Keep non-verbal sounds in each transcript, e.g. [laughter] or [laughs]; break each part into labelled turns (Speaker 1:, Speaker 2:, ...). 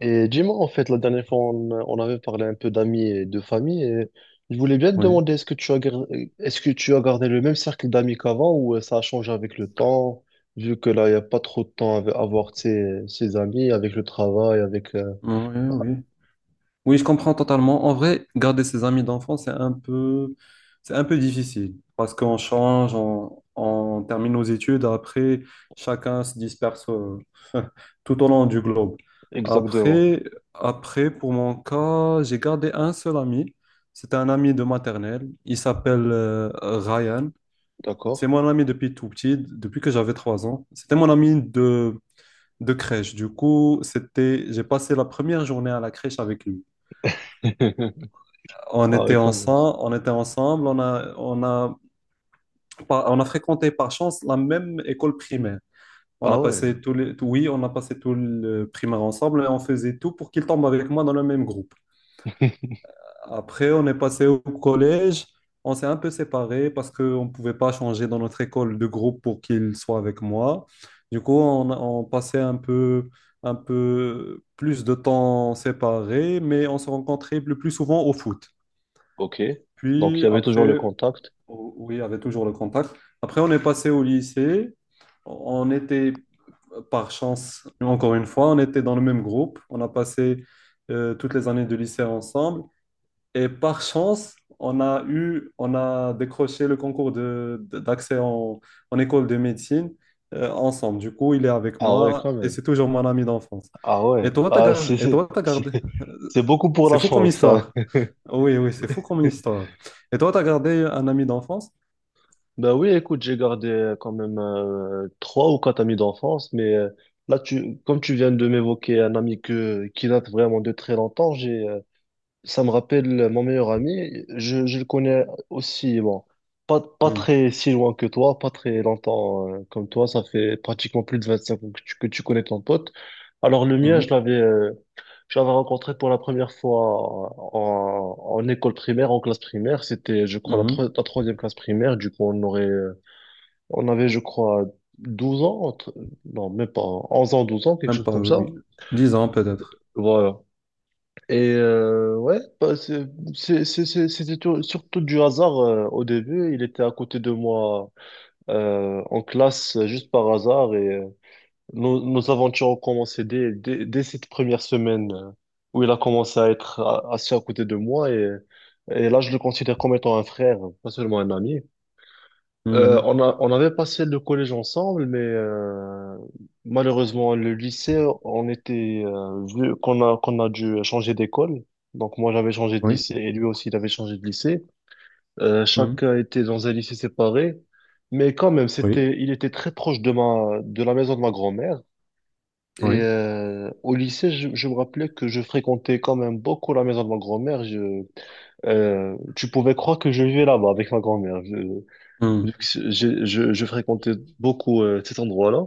Speaker 1: Et dis-moi, en fait, la dernière fois, on avait parlé un peu d'amis et de famille. Et je voulais bien te
Speaker 2: Oui,
Speaker 1: demander, est-ce que tu as gardé le même cercle d'amis qu'avant ou ça a changé avec le temps, vu que là, il n'y a pas trop de temps à avoir ses amis avec le travail,
Speaker 2: oui. Oui, je comprends totalement. En vrai, garder ses amis d'enfance, c'est un peu difficile parce qu'on change, on termine nos études, après, chacun se disperse. [laughs] Tout au long du globe.
Speaker 1: Exactement.
Speaker 2: Après, après, pour mon cas, j'ai gardé un seul ami. C'était un ami de maternelle. Il s'appelle Ryan. C'est
Speaker 1: D'accord.
Speaker 2: mon ami depuis tout petit, depuis que j'avais 3 ans. C'était mon ami de crèche. Du coup, c'était, j'ai passé la première journée à la crèche avec lui.
Speaker 1: [laughs]
Speaker 2: On
Speaker 1: Ah
Speaker 2: était
Speaker 1: ouais, quand même.
Speaker 2: ensemble, on était ensemble, on a fréquenté par chance la même école primaire. On
Speaker 1: Ah
Speaker 2: a
Speaker 1: ouais.
Speaker 2: passé oui, on a passé tout le primaire ensemble et on faisait tout pour qu'il tombe avec moi dans le même groupe.
Speaker 1: [laughs]
Speaker 2: Après, on est passé au collège. On s'est un peu séparés parce qu'on ne pouvait pas changer dans notre école de groupe pour qu'il soit avec moi. Du coup, on passait un peu plus de temps séparés, mais on se rencontrait le plus souvent au foot.
Speaker 1: Ok. Donc, il
Speaker 2: Puis
Speaker 1: y avait toujours le
Speaker 2: après,
Speaker 1: contact.
Speaker 2: oui, il y avait toujours le contact. Après, on est passé au lycée. On était, par chance, encore une fois, on était dans le même groupe. On a passé toutes les années de lycée ensemble. Et par chance, on a décroché le concours d'accès en, en école de médecine ensemble. Du coup, il est avec
Speaker 1: Ah ouais,
Speaker 2: moi
Speaker 1: quand
Speaker 2: et
Speaker 1: même.
Speaker 2: c'est toujours mon ami d'enfance.
Speaker 1: Ah ouais. Ah, c'est,
Speaker 2: Et
Speaker 1: c'est,
Speaker 2: toi, t'as
Speaker 1: c'est
Speaker 2: gardé. [laughs]
Speaker 1: c'est beaucoup pour
Speaker 2: C'est
Speaker 1: la
Speaker 2: fou comme
Speaker 1: chance, ça.
Speaker 2: histoire. Oui, oui, c'est fou comme
Speaker 1: [laughs]
Speaker 2: histoire. Et toi, t'as gardé un ami d'enfance?
Speaker 1: Ben oui, écoute, j'ai gardé quand même trois ou quatre amis d'enfance, mais là, comme tu viens de m'évoquer un ami qui date vraiment de très longtemps, j'ai ça me rappelle mon meilleur ami. Je le connais aussi, bon, pas
Speaker 2: Hmm,
Speaker 1: très si loin que toi, pas très longtemps comme toi. Ça fait pratiquement plus de 25 ans que que tu connais ton pote. Alors le mien,
Speaker 2: mhm,
Speaker 1: je l'avais rencontré pour la première fois en école primaire, en classe primaire. C'était, je crois,
Speaker 2: mhm.
Speaker 1: la troisième classe primaire. Du coup, on avait, je crois, 12 ans, non, même pas, 11 ans, 12 ans, quelque
Speaker 2: Même
Speaker 1: chose
Speaker 2: pas,
Speaker 1: comme ça.
Speaker 2: oui. 10 ans peut-être.
Speaker 1: Voilà. Et ouais, bah, surtout du hasard au début. Il était à côté de moi en classe juste par hasard et nos aventures ont commencé dès cette première semaine où il a commencé à être assis à côté de moi et là je le considère comme étant un frère, pas seulement un ami.
Speaker 2: Mhm.
Speaker 1: On avait passé le collège ensemble, mais malheureusement, le lycée, on était, vu qu'on a dû changer d'école. Donc, moi, j'avais changé de
Speaker 2: Oui.
Speaker 1: lycée et lui aussi, il avait changé de lycée.
Speaker 2: Mhm.
Speaker 1: Chacun était dans un lycée séparé. Mais quand même,
Speaker 2: Oui.
Speaker 1: c'était, il était très proche de de la maison de ma grand-mère. Et
Speaker 2: Oui.
Speaker 1: au lycée, je me rappelais que je fréquentais quand même beaucoup la maison de ma grand-mère. Tu pouvais croire que je vivais là-bas avec ma grand-mère.
Speaker 2: Mhm.
Speaker 1: Vu que c'est- j'ai- je fréquentais beaucoup cet endroit-là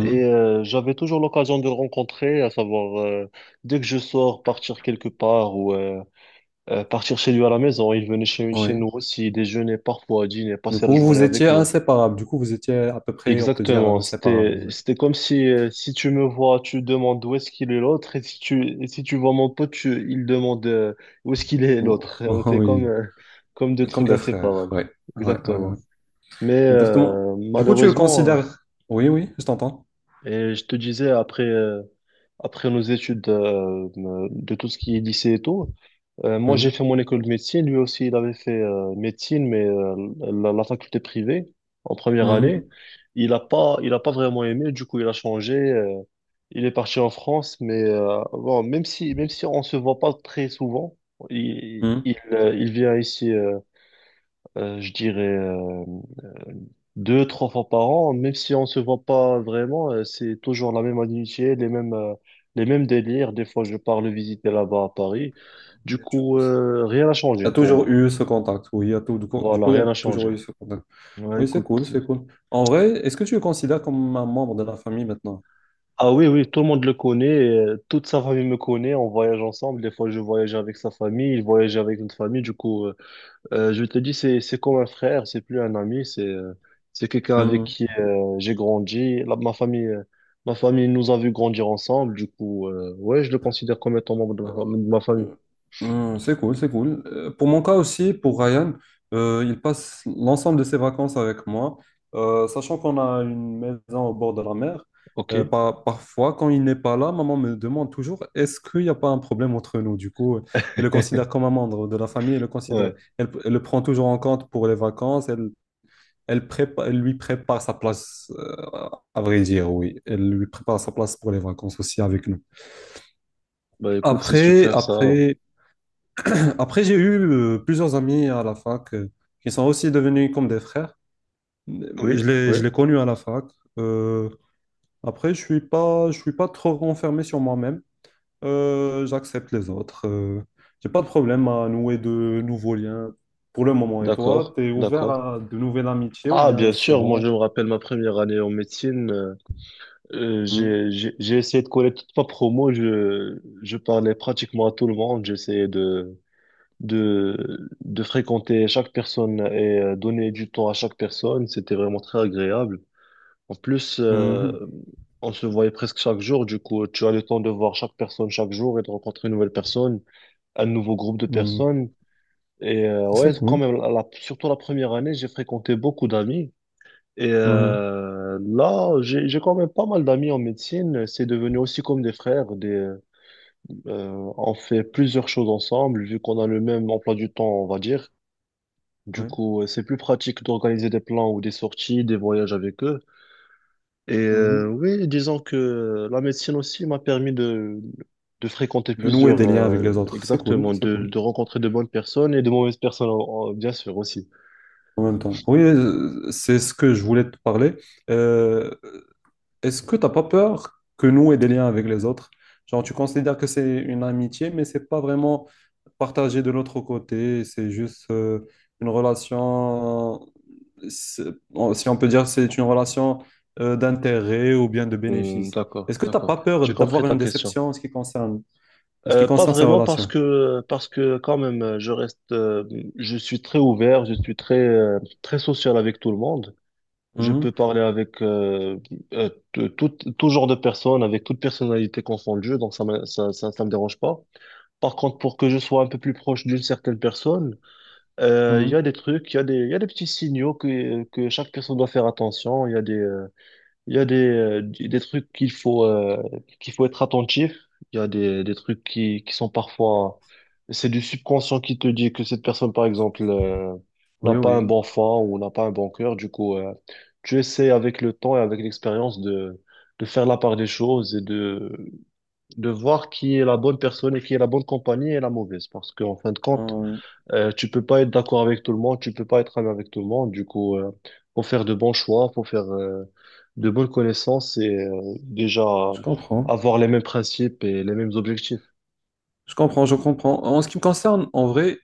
Speaker 1: et j'avais toujours l'occasion de le rencontrer, à savoir dès que je sors, partir quelque part ou partir chez lui à la maison, il venait chez nous
Speaker 2: Oui.
Speaker 1: aussi, déjeuner parfois, dîner,
Speaker 2: Du
Speaker 1: passer la
Speaker 2: coup,
Speaker 1: journée
Speaker 2: vous étiez
Speaker 1: avec nous.
Speaker 2: inséparables. Du coup, vous étiez à peu près, on peut dire,
Speaker 1: Exactement,
Speaker 2: inséparables. Ouais.
Speaker 1: c'était comme si si tu me vois, tu demandes où est-ce qu'il est l'autre et si tu vois mon pote, il demande où est-ce qu'il est l'autre.
Speaker 2: Oh,
Speaker 1: [laughs] C'est comme
Speaker 2: oui,
Speaker 1: comme deux
Speaker 2: comme
Speaker 1: trucs
Speaker 2: des frères.
Speaker 1: inséparables.
Speaker 2: Ouais. Ouais, ouais,
Speaker 1: Exactement.
Speaker 2: ouais.
Speaker 1: Mais
Speaker 2: Exactement. Du coup, tu le
Speaker 1: malheureusement,
Speaker 2: considères. Oui, oui, je t'entends.
Speaker 1: et je te disais, après, après nos études de tout ce qui est lycée et tout, moi j'ai
Speaker 2: Mhm,
Speaker 1: fait mon école de médecine, lui aussi il avait fait médecine, mais la faculté privée en première année.
Speaker 2: mhm,
Speaker 1: Il a pas vraiment aimé, du coup il a changé, il est parti en France, mais bon, même si on se voit pas très souvent,
Speaker 2: mhm.
Speaker 1: il vient ici. Je dirais euh, deux, trois fois par an, même si on se voit pas vraiment, c'est toujours la même amitié, les mêmes délires. Des fois, je pars le visiter là-bas à Paris.
Speaker 2: Ouais,
Speaker 1: Du
Speaker 2: du
Speaker 1: coup,
Speaker 2: coup, c'est-
Speaker 1: rien n'a
Speaker 2: Il y
Speaker 1: changé
Speaker 2: a
Speaker 1: pour
Speaker 2: toujours
Speaker 1: moi.
Speaker 2: eu ce contact. Oui, il y a tout, du
Speaker 1: Voilà,
Speaker 2: coup, il y
Speaker 1: rien
Speaker 2: a
Speaker 1: n'a changé.
Speaker 2: toujours eu ce contact.
Speaker 1: Ouais,
Speaker 2: Oui, c'est cool,
Speaker 1: écoute.
Speaker 2: c'est cool. En vrai, est-ce que tu le considères comme un membre de la famille maintenant?
Speaker 1: Ah oui, oui, tout le monde le connaît, toute sa famille me connaît, on voyage ensemble, des fois je voyage avec sa famille, il voyage avec notre famille, du coup, je te dis, c'est comme un frère, c'est plus un ami, c'est quelqu'un avec qui j'ai grandi. Ma famille nous a vu grandir ensemble, du coup, ouais, je le considère comme étant membre de
Speaker 2: Euh,
Speaker 1: de ma famille.
Speaker 2: C'est cool, c'est cool. Pour mon cas aussi, pour Ryan, il passe l'ensemble de ses vacances avec moi. Sachant qu'on a une maison au bord de la mer.
Speaker 1: Ok.
Speaker 2: Parfois, quand il n'est pas là, maman me demande toujours, est-ce qu'il n'y a pas un problème entre nous? Du coup, elle le considère
Speaker 1: [laughs]
Speaker 2: comme un membre de la famille, elle le considère,
Speaker 1: Ouais.
Speaker 2: elle, elle le prend toujours en compte pour les vacances, elle, elle lui prépare sa place, à vrai dire, oui. Elle lui prépare sa place pour les vacances aussi avec nous.
Speaker 1: Bah écoute, c'est
Speaker 2: Après,
Speaker 1: super ça.
Speaker 2: après. Après, j'ai eu plusieurs amis à la fac qui sont aussi devenus comme des frères.
Speaker 1: Oui, oui.
Speaker 2: Je les connus à la fac. Euh, après, je suis pas, Je suis pas trop renfermé sur moi-même. J'accepte les autres. J'ai pas de problème à nouer de nouveaux liens pour le moment. Et toi,
Speaker 1: D'accord,
Speaker 2: tu es ouvert
Speaker 1: d'accord.
Speaker 2: à de nouvelles amitiés ou
Speaker 1: Ah,
Speaker 2: bien
Speaker 1: bien
Speaker 2: c'est
Speaker 1: sûr, moi je
Speaker 2: bon?
Speaker 1: me rappelle ma première année en médecine.
Speaker 2: Mhm.
Speaker 1: J'ai essayé de coller toute ma promo, je parlais pratiquement à tout le monde, j'essayais de. De fréquenter chaque personne et donner du temps à chaque personne. C'était vraiment très agréable. En plus,
Speaker 2: Mhm.
Speaker 1: on se voyait presque chaque jour. Du coup, tu as le temps de voir chaque personne chaque jour et de rencontrer une nouvelle personne, un nouveau groupe de
Speaker 2: Mhm.
Speaker 1: personnes. Et ouais,
Speaker 2: C'est
Speaker 1: quand
Speaker 2: cool.
Speaker 1: même, surtout la première année, j'ai fréquenté beaucoup d'amis. Et
Speaker 2: Mhm.
Speaker 1: là, j'ai quand même pas mal d'amis en médecine. C'est devenu aussi comme des frères. On fait plusieurs choses ensemble, vu qu'on a le même emploi du temps, on va dire. Du
Speaker 2: Ouais.
Speaker 1: coup, c'est plus pratique d'organiser des plans ou des sorties, des voyages avec eux. Et
Speaker 2: Mhm.
Speaker 1: oui, disons que la médecine aussi m'a permis de fréquenter
Speaker 2: De nouer
Speaker 1: plusieurs,
Speaker 2: des liens avec les autres, c'est cool,
Speaker 1: exactement,
Speaker 2: c'est cool.
Speaker 1: de rencontrer de bonnes personnes et de mauvaises personnes, bien sûr, aussi.
Speaker 2: En même temps. Oui, c'est ce que je voulais te parler. Euh, Est-ce que t'as pas peur que nous ait des liens avec les autres? Genre, tu considères que c'est une amitié, mais c'est pas vraiment partagé de l'autre côté. C'est juste une relation, c'est- si on peut dire, c'est une relation d'intérêt ou bien de bénéfice.
Speaker 1: D'accord,
Speaker 2: Est-ce que t'as
Speaker 1: d'accord.
Speaker 2: pas
Speaker 1: J'ai
Speaker 2: peur
Speaker 1: compris
Speaker 2: d'avoir
Speaker 1: ta
Speaker 2: une
Speaker 1: question.
Speaker 2: déception en ce qui concerne, en ce qui
Speaker 1: Pas
Speaker 2: concerne ces
Speaker 1: vraiment
Speaker 2: relations?
Speaker 1: parce que quand même je reste je suis très ouvert je suis très très social avec tout le monde. Je peux
Speaker 2: Mhm,
Speaker 1: parler avec tout, tout genre de personnes, avec toute personnalité confondue, donc ça me dérange pas. Par contre, pour que je sois un peu plus proche d'une certaine personne, il y a
Speaker 2: mhm.
Speaker 1: des trucs, il y a des, il y a des petits signaux que chaque personne doit faire attention. Il y a des, il y a des trucs qu'il faut être attentif. Il y a des trucs qui sont parfois... C'est du subconscient qui te dit que cette personne, par exemple, n'a
Speaker 2: Oui,
Speaker 1: pas
Speaker 2: oui,
Speaker 1: un
Speaker 2: oui.
Speaker 1: bon fond ou n'a pas un bon cœur. Du coup, tu essaies avec le temps et avec l'expérience de faire la part des choses et de voir qui est la bonne personne et qui est la bonne compagnie et la mauvaise. Parce qu'en fin de
Speaker 2: Ah,
Speaker 1: compte,
Speaker 2: oui.
Speaker 1: tu peux pas être d'accord avec tout le monde, tu peux pas être ami avec tout le monde. Du coup, faut faire de bons choix, faut faire de bonnes connaissances et déjà
Speaker 2: Je comprends.
Speaker 1: avoir les mêmes principes et les mêmes objectifs.
Speaker 2: Je comprends, je comprends. En ce qui me concerne, en vrai,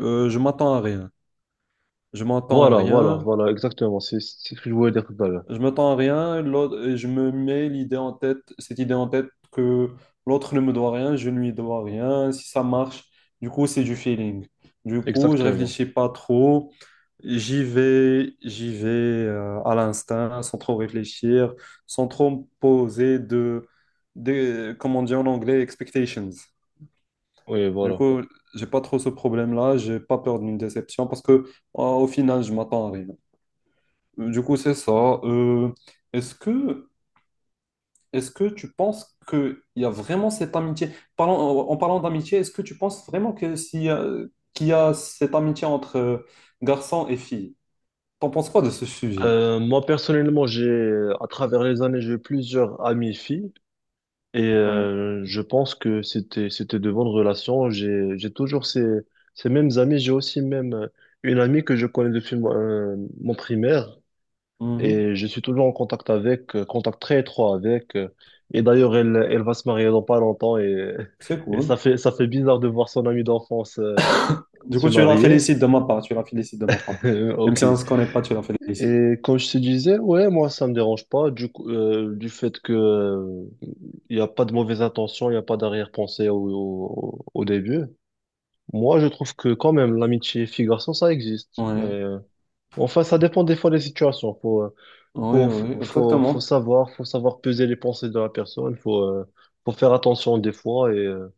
Speaker 2: je m'attends à rien. Je m'attends à
Speaker 1: Voilà, voilà,
Speaker 2: rien.
Speaker 1: voilà, exactement. C'est ce que je voulais dire tout à l'heure.
Speaker 2: Je m'attends à rien. L'autre- et je me mets l'idée en tête, cette idée en tête que l'autre ne me doit rien, je ne lui dois rien. Si ça marche, du coup, c'est du feeling. Du coup, je
Speaker 1: Exactement.
Speaker 2: réfléchis pas trop. J'y vais à l'instinct, sans trop réfléchir, sans trop me poser de, comment on dit en anglais, expectations.
Speaker 1: Oui,
Speaker 2: Du
Speaker 1: voilà.
Speaker 2: coup, j'ai pas trop ce problème-là, j'ai pas peur d'une déception parce que au final, je m'attends à rien. Du coup, c'est ça. Euh, est-ce que, est-ce que tu penses qu'il y a vraiment cette amitié? Parlons- En parlant d'amitié, est-ce que tu penses vraiment que s'il y a- qu'il y a cette amitié entre garçons et filles? T'en penses quoi de ce sujet?
Speaker 1: Moi, personnellement, j'ai, à travers les années, j'ai eu plusieurs amies filles. Et
Speaker 2: Oui.
Speaker 1: je pense que c'était de bonnes relations. J'ai toujours ces mêmes amis. J'ai aussi même une amie que je connais depuis mon mon primaire
Speaker 2: Mhm.
Speaker 1: et je suis toujours en contact avec, contact très étroit avec. Et d'ailleurs, elle va se marier dans pas longtemps et
Speaker 2: C'est
Speaker 1: [laughs] et
Speaker 2: cool.
Speaker 1: ça fait bizarre de voir son amie d'enfance se marier.
Speaker 2: Tu la félicites de ma part.
Speaker 1: [laughs]
Speaker 2: Même
Speaker 1: Ok.
Speaker 2: si on ne se connaît pas, tu la félicites.
Speaker 1: Et quand je te disais, ouais, moi, ça me dérange pas du coup, du fait que il y a pas de mauvaise intention, il y a pas d'arrière-pensée au début. Moi, je trouve que quand même, l'amitié fille-garçon, ça existe. Mais,
Speaker 2: Oui,
Speaker 1: enfin, ça dépend des fois des situations.
Speaker 2: oui, oui, exactement.
Speaker 1: Faut savoir peser les pensées de la personne. Faut faire attention des fois. Et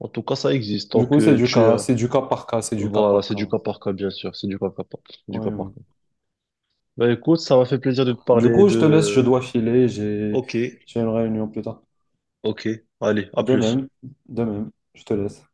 Speaker 1: en tout cas, ça existe.
Speaker 2: Du coup, c'est du cas par cas, c'est du cas
Speaker 1: Voilà,
Speaker 2: par
Speaker 1: c'est
Speaker 2: cas.
Speaker 1: du cas par cas, bien sûr. C'est du cas par cas, du
Speaker 2: Oui,
Speaker 1: cas par
Speaker 2: oui.
Speaker 1: cas. Bah, écoute, ça m'a fait plaisir de te
Speaker 2: Du
Speaker 1: parler
Speaker 2: coup, je te laisse, je
Speaker 1: de.
Speaker 2: dois filer,
Speaker 1: Ok,
Speaker 2: j'ai une réunion plus tard.
Speaker 1: ok. Allez, à
Speaker 2: De
Speaker 1: plus.
Speaker 2: même, de même, je te laisse.